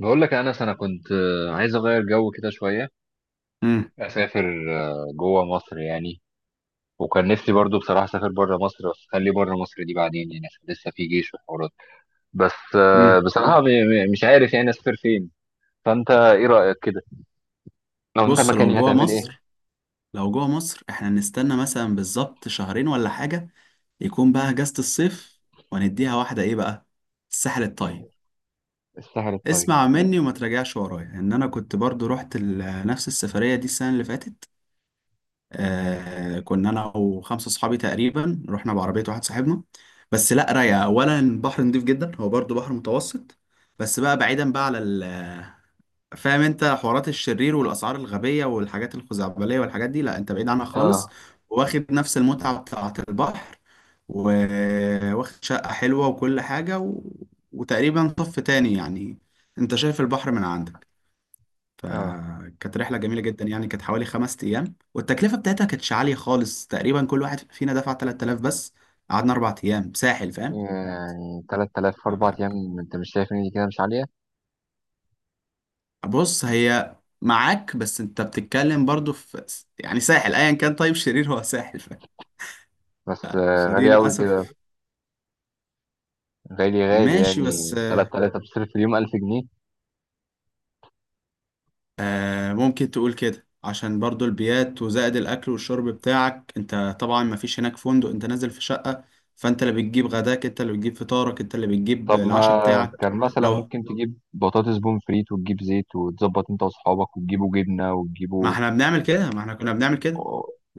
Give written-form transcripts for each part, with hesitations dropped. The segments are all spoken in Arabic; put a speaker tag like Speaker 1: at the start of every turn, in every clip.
Speaker 1: بقول لك يا انس، انا كنت عايز اغير جو كده شويه.
Speaker 2: امم
Speaker 1: اسافر جوه مصر يعني. وكان نفسي برضو بصراحه اسافر بره مصر، بس خلي بره مصر دي بعدين يعني، عشان لسه في جيش وحوارات. بس
Speaker 2: امم
Speaker 1: بصراحه مش عارف يعني اسافر فين. فانت ايه رايك كده؟ لو انت
Speaker 2: بص لو
Speaker 1: مكاني
Speaker 2: جوه
Speaker 1: هتعمل ايه؟
Speaker 2: مصر، احنا نستنى مثلا بالظبط شهرين ولا حاجة، يكون بقى اجازة الصيف، ونديها واحدة ايه بقى، الساحل الطيب.
Speaker 1: السهل الطيب
Speaker 2: اسمع
Speaker 1: ده.
Speaker 2: مني وما تراجعش ورايا، ان انا كنت برضو رحت نفس السفرية دي السنة اللي فاتت. آه، كنا انا وخمسة اصحابي تقريبا، رحنا بعربية واحد صاحبنا. بس لا، رايقة، اولا البحر نضيف جدا، هو برضو بحر متوسط، بس بقى بعيدا بقى على... فاهم انت، حوارات الشرير والاسعار الغبيه والحاجات الخزعبليه والحاجات دي، لا، انت بعيد عنها خالص.
Speaker 1: اه.
Speaker 2: واخد نفس المتعه بتاعه البحر، وواخد شقه حلوه وكل حاجه، و... وتقريبا طف تاني يعني، انت شايف البحر من عندك.
Speaker 1: اه.
Speaker 2: فكانت رحله جميله جدا، يعني كانت حوالي خمس ايام، والتكلفه بتاعتها كانتش عاليه خالص، تقريبا كل واحد فينا دفع 3000 بس. قعدنا اربع ايام ساحل، فاهم؟
Speaker 1: يعني 3000 4 ايام، انت مش شايف ان دي كده مش عاليه؟
Speaker 2: بص، هي معاك، بس انت بتتكلم برضو في... يعني ساحل ايا كان، طيب شرير هو ساحل، ف...
Speaker 1: بس
Speaker 2: فدي
Speaker 1: غاليه قوي كده.
Speaker 2: للاسف،
Speaker 1: غالي غالي،
Speaker 2: ماشي، بس
Speaker 1: يعني 3000 بتصرف في اليوم 1000 جنيه.
Speaker 2: ممكن تقول كده، عشان برضو البيات وزائد الاكل والشرب بتاعك، انت طبعا ما فيش هناك فندق، انت نازل في شقة، فانت اللي بتجيب غداك، انت اللي بتجيب فطارك، انت اللي بتجيب
Speaker 1: طب ما
Speaker 2: العشاء بتاعك.
Speaker 1: كان مثلا
Speaker 2: لو
Speaker 1: ممكن تجيب بطاطس بون فريت وتجيب زيت وتظبط انت واصحابك وتجيبوا جبنه
Speaker 2: ما
Speaker 1: وتجيبوا.
Speaker 2: احنا بنعمل كده ما احنا كنا بنعمل كده،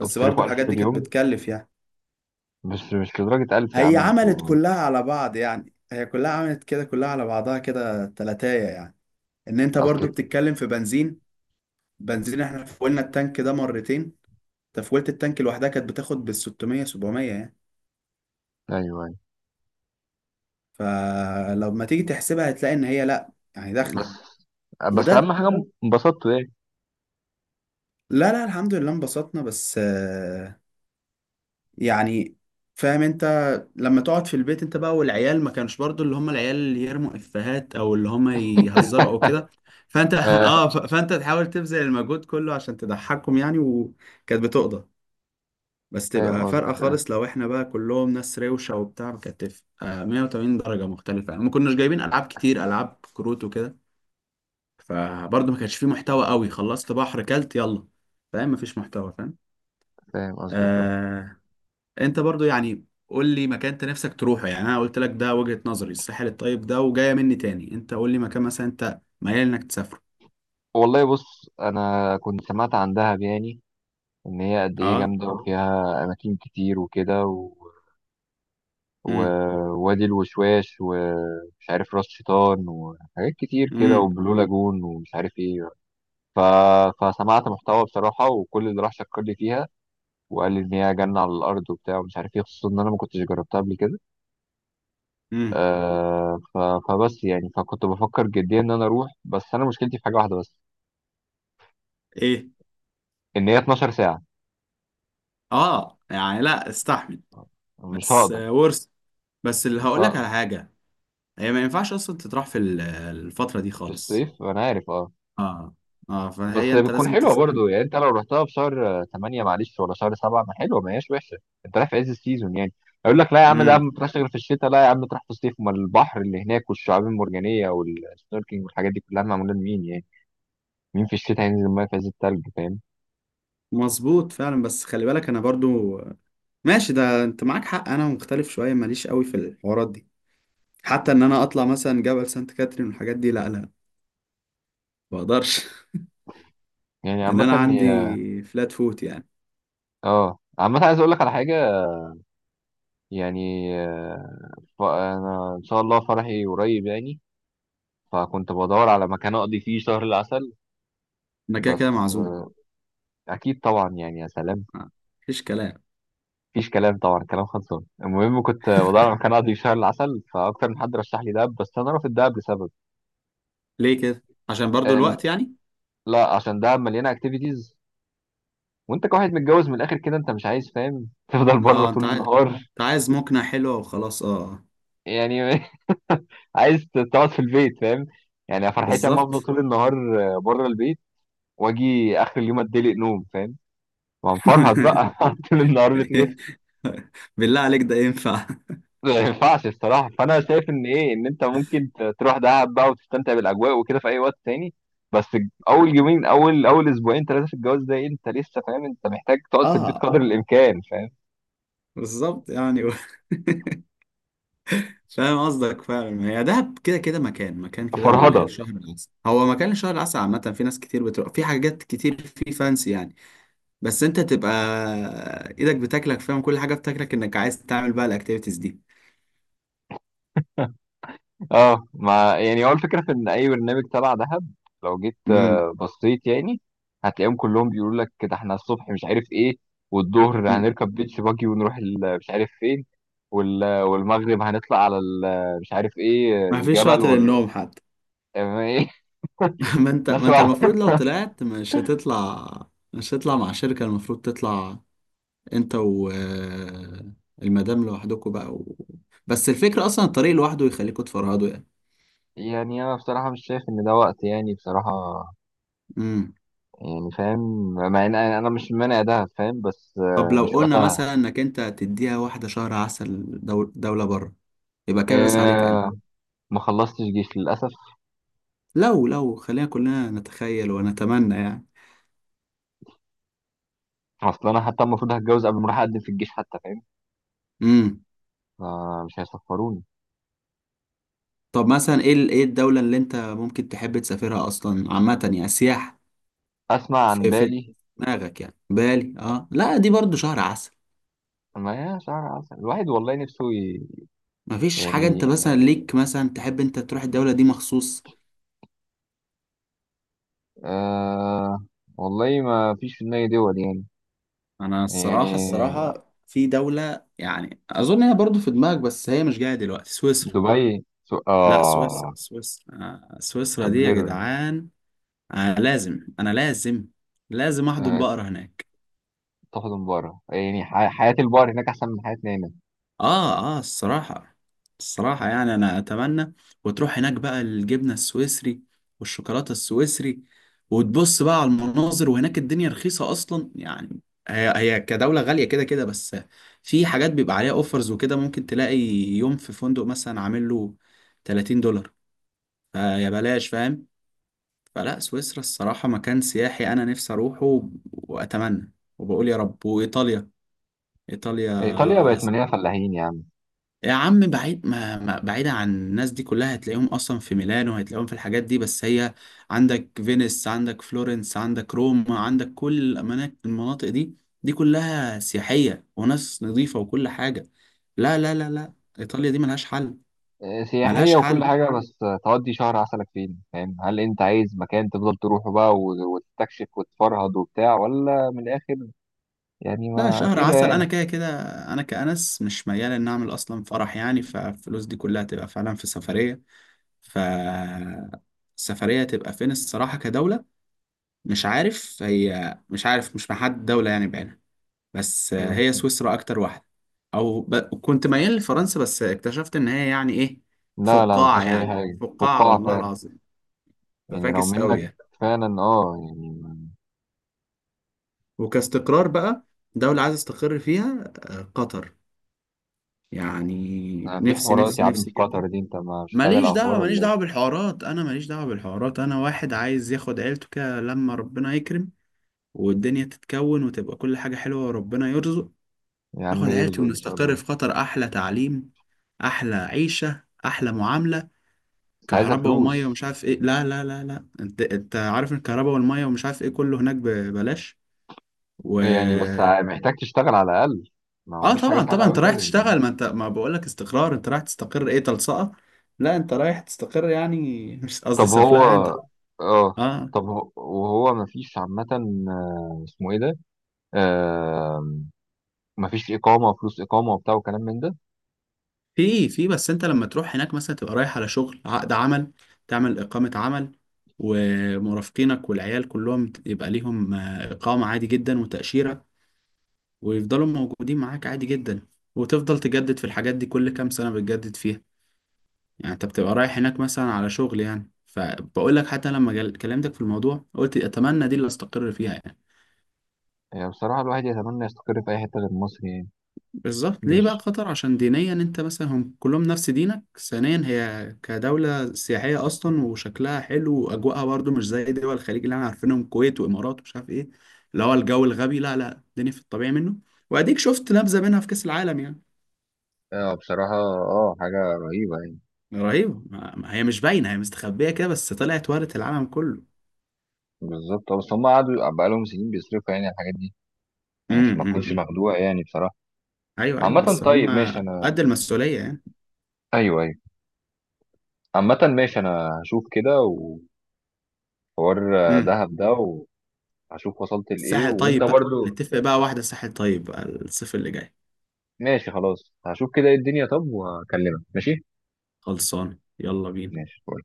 Speaker 1: طب
Speaker 2: برضو
Speaker 1: تصرفوا 1000
Speaker 2: الحاجات
Speaker 1: في
Speaker 2: دي كانت
Speaker 1: اليوم؟
Speaker 2: بتكلف يعني.
Speaker 1: بس مش لدرجه 1000 يا
Speaker 2: هي
Speaker 1: عم
Speaker 2: عملت
Speaker 1: انتوا.
Speaker 2: كلها على بعض يعني، هي كلها عملت كده، كلها على بعضها كده تلاتاية يعني، ان انت برضو
Speaker 1: اصلك.
Speaker 2: بتتكلم في بنزين. احنا فولنا التانك ده مرتين، تفويلة التانك لوحدها كانت بتاخد بال 600 700 يعني.
Speaker 1: ايوه، ايوه.
Speaker 2: فلما تيجي تحسبها هتلاقي ان هي لا، يعني
Speaker 1: بس
Speaker 2: داخله،
Speaker 1: بس اهم
Speaker 2: وده...
Speaker 1: حاجه انبسطتوا يعني.
Speaker 2: لا لا، الحمد لله انبسطنا، بس يعني فاهم انت، لما تقعد في البيت انت بقى والعيال، ما كانش برضو اللي هم العيال اللي يرموا افيهات او اللي هم يهزروا او كده، فانت
Speaker 1: آه.
Speaker 2: اه، فانت تحاول تبذل المجهود كله عشان تضحكهم يعني، وكانت بتقضى. بس
Speaker 1: فاهم
Speaker 2: تبقى فارقة
Speaker 1: قصدك آه.
Speaker 2: خالص، لو احنا بقى كلهم ناس روشة وبتاع كانت تبقى 180 درجة مختلفة يعني، ما كناش جايبين ألعاب كتير، ألعاب كروت وكده. فبرضه ما كانش فيه محتوى قوي، خلصت بحر كلت يلا، فاهم، ما فيش محتوى، فاهم.
Speaker 1: فاهم قصدك آه.
Speaker 2: آه... انت برضه يعني، قول لي مكان انت نفسك تروحه، يعني انا قلت لك ده وجهة نظري الساحل الطيب ده، وجاية مني تاني، انت قول لي مكان مثلا انت ميال انك تسافره.
Speaker 1: والله بص، انا كنت سمعت عن دهب يعني. ان هي قد ايه
Speaker 2: اه.
Speaker 1: جامده وفيها اماكن كتير وكده.
Speaker 2: امم.
Speaker 1: ووادي الوشواش ومش عارف راس شيطان وحاجات كتير كده
Speaker 2: امم.
Speaker 1: وبلو لاجون ومش عارف ايه. ف... فسمعت محتوى بصراحة، وكل اللي راح شكر لي فيها. وقال لي ان هي جنة على الارض وبتاع ومش عارف ايه، خصوصا ان انا ما كنتش جربتها قبل كده.
Speaker 2: امم.
Speaker 1: آه ف... فبس يعني فكنت بفكر جديا ان انا اروح، بس انا مشكلتي في حاجة واحدة بس.
Speaker 2: ايه؟
Speaker 1: ان هي 12 ساعة.
Speaker 2: اه، يعني لا استحمل.
Speaker 1: مش
Speaker 2: بس
Speaker 1: هقدر.
Speaker 2: ورث، بس اللي
Speaker 1: مش
Speaker 2: هقول لك
Speaker 1: هقدر.
Speaker 2: على حاجة، هي ما ينفعش اصلا تطرح في الفترة دي
Speaker 1: في
Speaker 2: خالص.
Speaker 1: الصيف انا عارف اه.
Speaker 2: اه اه،
Speaker 1: بس
Speaker 2: فهي انت
Speaker 1: بتكون
Speaker 2: لازم
Speaker 1: حلوه
Speaker 2: تستنى.
Speaker 1: برضو يعني، انت لو رحتها في شهر 8 معلش، ولا شهر 7 ما حلوه ما هياش وحشه. انت رايح في عز السيزون يعني. اقول لك لا يا عم ده
Speaker 2: امم،
Speaker 1: ما تروحش غير في الشتاء، لا يا عم تروح في الصيف، ما البحر اللي هناك والشعاب المرجانيه والسنوركينج والحاجات دي كلها معموله لمين يعني؟ مين في الشتاء هينزل الميه في عز التلج فاهم؟
Speaker 2: مظبوط فعلا، بس خلي بالك انا برضو، ماشي ده انت معاك حق، انا مختلف شوية، ماليش قوي في الحوارات دي، حتى ان انا اطلع مثلا جبل سانت كاترين والحاجات دي، لا لا، ما اقدرش
Speaker 1: يعني
Speaker 2: ان
Speaker 1: عامه
Speaker 2: انا عندي فلات فوت يعني.
Speaker 1: عامه عايز اقول لك على حاجه. يعني انا ان شاء الله فرحي قريب يعني. فكنت بدور على مكان اقضي فيه شهر العسل.
Speaker 2: انا كده
Speaker 1: بس
Speaker 2: كده معزوم،
Speaker 1: اكيد طبعا يعني يا سلام.
Speaker 2: آه، مفيش كلام.
Speaker 1: مفيش كلام طبعا، كلام خلصان. المهم كنت بدور على مكان اقضي شهر العسل، فاكتر من حد رشح لي دهب، بس انا رافض دهب لسبب.
Speaker 2: ليه كده؟ عشان برضو
Speaker 1: إن
Speaker 2: الوقت يعني.
Speaker 1: لا، عشان دهب مليانه اكتيفيتيز، وانت كواحد متجوز من الاخر كده انت مش عايز فاهم تفضل بره
Speaker 2: اه،
Speaker 1: طول النهار.
Speaker 2: انت عايز مقنع حلوة وخلاص، اه.
Speaker 1: يعني عايز تقعد في البيت فاهم. يعني أنا فرحتي اما افضل
Speaker 2: بالظبط.
Speaker 1: طول النهار بره البيت، واجي اخر اليوم اتدلق نوم فاهم. وهنفرهد بقى طول النهار بتنام.
Speaker 2: بالله عليك، ده ينفع؟
Speaker 1: ما ينفعش الصراحة. فأنا شايف إن إيه إن أنت ممكن تروح دهب بقى وتستمتع بالأجواء وكده في أي وقت تاني. بس أول يومين، أول أسبوعين ثلاثة في الجواز ده، إيه، أنت لسه فاهم أنت محتاج تقعد في البيت
Speaker 2: اه،
Speaker 1: قدر الإمكان فاهم.
Speaker 2: بالظبط يعني، و... فاهم قصدك فعلا، هي دهب كده كده مكان كده
Speaker 1: فرهضة.
Speaker 2: الشهر العسل، هو مكان الشهر العسل عامة، في ناس كتير بتروح في حاجات كتير في فانسي يعني. بس انت تبقى ايدك بتاكلك فاهم، كل حاجة بتاكلك انك عايز تعمل بقى الاكتيفيتيز دي.
Speaker 1: أه، ما يعني هو الفكرة في إن أي برنامج تبع دهب لو جيت
Speaker 2: امم.
Speaker 1: بصيت يعني، هتلاقيهم كلهم بيقولوا لك كده إحنا الصبح مش عارف إيه، والظهر
Speaker 2: أمم.
Speaker 1: هنركب بيتش باجي ونروح مش عارف فين، والمغرب هنطلع على مش عارف إيه
Speaker 2: ما فيش
Speaker 1: الجبل
Speaker 2: وقت
Speaker 1: وال.
Speaker 2: للنوم حتى. ما انت
Speaker 1: بس
Speaker 2: ما انت
Speaker 1: هو-
Speaker 2: المفروض لو طلعت مش هتطلع، مش هتطلع مع شركة المفروض تطلع، انت و المدام لوحدكم بقى، و... بس الفكرة اصلا الطريق لوحده يخليكم تفرهدوا يعني.
Speaker 1: يعني انا بصراحه مش شايف ان ده وقت يعني بصراحه.
Speaker 2: امم.
Speaker 1: يعني فاهم، مع ان أنا مش مانع ده فاهم، بس
Speaker 2: طب لو
Speaker 1: مش
Speaker 2: قلنا
Speaker 1: وقتها.
Speaker 2: مثلا انك انت تديها واحدة شهر عسل، دولة بره، يبقى كابس عليك انا.
Speaker 1: آه، ما خلصتش جيش للاسف.
Speaker 2: لو خلينا كلنا نتخيل ونتمنى يعني.
Speaker 1: اصل انا حتى المفروض هتجوز قبل ما اروح اقدم في الجيش حتى فاهم.
Speaker 2: امم.
Speaker 1: فمش هيسفروني.
Speaker 2: طب مثلا، ايه الدولة اللي انت ممكن تحب تسافرها اصلا، عامة يعني سياحة؟
Speaker 1: اسمع عن
Speaker 2: في
Speaker 1: بالي.
Speaker 2: دماغك يعني بالي؟ اه لا، دي برضو شهر عسل.
Speaker 1: ما هي شهر عسل الواحد والله نفسه
Speaker 2: مفيش حاجة، انت
Speaker 1: يعني
Speaker 2: مثلا ليك مثلا تحب انت تروح الدولة دي مخصوص؟
Speaker 1: آه... والله ما فيش في دماغي دول يعني.
Speaker 2: انا الصراحه،
Speaker 1: يعني
Speaker 2: في دوله يعني اظن هي برضو في دماغك، بس هي مش جايه دلوقتي، سويسرا.
Speaker 1: دبي
Speaker 2: لا،
Speaker 1: اه.
Speaker 2: سويسرا، سويسرا
Speaker 1: توب
Speaker 2: دي يا
Speaker 1: ليرن.
Speaker 2: جدعان! آه، لازم انا لازم، لازم احضن بقرة هناك.
Speaker 1: تاخد من بره، يعني حياة البار هناك أحسن من حياتنا هنا.
Speaker 2: اه اه، الصراحة، يعني انا اتمنى. وتروح هناك بقى، الجبنة السويسري والشوكولاتة السويسري، وتبص بقى على المناظر، وهناك الدنيا رخيصة اصلا يعني. هي كدولة غالية كده كده بس، في حاجات بيبقى عليها اوفرز وكده، ممكن تلاقي يوم في فندق مثلا عامل له 30 دولار، فيا بلاش فاهم. فلا، سويسرا الصراحة مكان سياحي انا نفسي اروحه، واتمنى، وبقول يا رب. وايطاليا، ايطاليا.
Speaker 1: إيطاليا بقت مليانة فلاحين يعني.
Speaker 2: يا عم بعيد، بعيدة عن الناس دي كلها، هتلاقيهم أصلا في ميلانو، هتلاقيهم في الحاجات دي، بس هي عندك فينيس، عندك فلورنس، عندك روما، عندك كل الأماكن المناطق دي، دي كلها سياحية وناس نظيفة وكل حاجة. لا لا لا لا، إيطاليا دي ملهاش حل. ملهاش
Speaker 1: سياحية وكل
Speaker 2: حل.
Speaker 1: حاجة، بس تقضي شهر عسلك فين فاهم؟ هل أنت عايز مكان تفضل تروحه بقى وتستكشف وتفرهد وبتاع، ولا من الآخر يعني
Speaker 2: لا،
Speaker 1: ما
Speaker 2: شهر
Speaker 1: كده
Speaker 2: عسل أنا
Speaker 1: يعني؟
Speaker 2: كده كده، أنا كأنس مش ميال إن أعمل أصلا فرح يعني، فالفلوس دي كلها تبقى فعلا في سفرية. ف السفرية تبقى فين الصراحة كدولة؟ مش عارف، مش محدد دولة يعني بعينها، بس
Speaker 1: مم.
Speaker 2: هي سويسرا أكتر واحدة، أو ب... كنت ميال لفرنسا، بس اكتشفت إن هي يعني إيه،
Speaker 1: لا، لا ما
Speaker 2: فقاعة،
Speaker 1: فيهاش أي
Speaker 2: يعني
Speaker 1: حاجة،
Speaker 2: فقاعة
Speaker 1: فقاعة
Speaker 2: والله
Speaker 1: فعلا.
Speaker 2: العظيم،
Speaker 1: يعني لو
Speaker 2: ففاكس أوي
Speaker 1: منك
Speaker 2: يعني.
Speaker 1: فعلا اه يعني.
Speaker 2: وكاستقرار بقى، دولة عايز استقر فيها قطر، يعني
Speaker 1: في
Speaker 2: نفسي
Speaker 1: حوارات
Speaker 2: نفسي
Speaker 1: يا عم
Speaker 2: نفسي
Speaker 1: في
Speaker 2: جدا.
Speaker 1: قطر دي، أنت مش متابع
Speaker 2: ماليش دعوة،
Speaker 1: الأخبار ولا إيه؟
Speaker 2: ماليش دعوة بالحوارات، أنا واحد عايز ياخد عيلته كده لما ربنا يكرم، والدنيا تتكون وتبقى كل حاجة حلوة، وربنا يرزق.
Speaker 1: يا عم
Speaker 2: اخد
Speaker 1: يرزق
Speaker 2: عيلتي
Speaker 1: إن شاء
Speaker 2: ونستقر
Speaker 1: الله.
Speaker 2: في قطر، احلى تعليم، احلى عيشه، احلى معامله.
Speaker 1: بس عايزة
Speaker 2: كهرباء وميه
Speaker 1: فلوس.
Speaker 2: ومش عارف ايه، لا لا لا لا، انت عارف إن الكهرباء والميه ومش عارف ايه كله هناك ببلاش، و...
Speaker 1: يعني بس محتاج تشتغل على الأقل. ما هو
Speaker 2: اه
Speaker 1: مفيش حاجة
Speaker 2: طبعا
Speaker 1: سهلة
Speaker 2: طبعا،
Speaker 1: أوي اه
Speaker 2: انت
Speaker 1: كده
Speaker 2: رايح
Speaker 1: يعني.
Speaker 2: تشتغل، ما انت ما بقول لك استقرار، انت رايح تستقر ايه تلصقه. لا، انت رايح تستقر يعني، مش قصدي
Speaker 1: طب هو.
Speaker 2: سفلقه يعني انت.
Speaker 1: اه.
Speaker 2: اه.
Speaker 1: وهو مفيش عامة اسمه ايه ده. آه مفيش إقامة فلوس، إقامة وبتاع وكلام من ده.
Speaker 2: في، بس انت لما تروح هناك مثلا تبقى رايح على شغل، عقد عمل، تعمل إقامة عمل، ومرافقينك والعيال كلهم يبقى ليهم إقامة عادي جدا وتأشيرة، ويفضلوا موجودين معاك عادي جدا، وتفضل تجدد في الحاجات دي كل كام سنة بتجدد فيها. يعني انت بتبقى رايح هناك مثلا على شغل يعني، فبقول لك حتى لما كلمتك في الموضوع قلت أتمنى دي اللي استقر فيها يعني.
Speaker 1: يعني بصراحة الواحد يتمنى يستقر في أي حتة غير مصر يعني.
Speaker 2: بالظبط، ليه بقى
Speaker 1: مش،
Speaker 2: قطر؟ عشان دينيا انت مثلا هم كلهم نفس دينك، ثانيا هي كدولة سياحية اصلا وشكلها حلو، واجواءها برضو مش زي دول الخليج اللي احنا عارفينهم، الكويت وامارات ومش عارف ايه، اللي هو الجو الغبي، لا لا، الدنيا في الطبيعي منه. واديك شفت نبذة منها في كأس العالم يعني.
Speaker 1: اه بصراحة اه حاجة رهيبة يعني.
Speaker 2: رهيبة، ما ما هي مش باينة، هي مستخبية كده، بس طلعت ورث العالم كله.
Speaker 1: بالظبط بس هم قعدوا بقالهم سنين بيصرفوا يعني على الحاجات دي. يعني
Speaker 2: امم.
Speaker 1: عشان ما تكونش
Speaker 2: امم.
Speaker 1: مخدوع يعني بصراحة.
Speaker 2: ايوه ايوه،
Speaker 1: عامة
Speaker 2: بس هم
Speaker 1: طيب ماشي أنا.
Speaker 2: قد المسؤولية يعني.
Speaker 1: أيوه، أيوه. عامة ماشي، أنا هشوف كده. وحوار
Speaker 2: امم.
Speaker 1: دهب ده هشوف وصلت لايه،
Speaker 2: الساحل
Speaker 1: وانت
Speaker 2: طيب
Speaker 1: تمام
Speaker 2: بقى،
Speaker 1: برضو.
Speaker 2: نتفق بقى واحدة، ساحل طيب بقى، الصيف اللي جاي.
Speaker 1: ماشي، خلاص هشوف كده ايه الدنيا، طب وهكلمك ماشي.
Speaker 2: خلصان، يلا بينا.
Speaker 1: ماشي.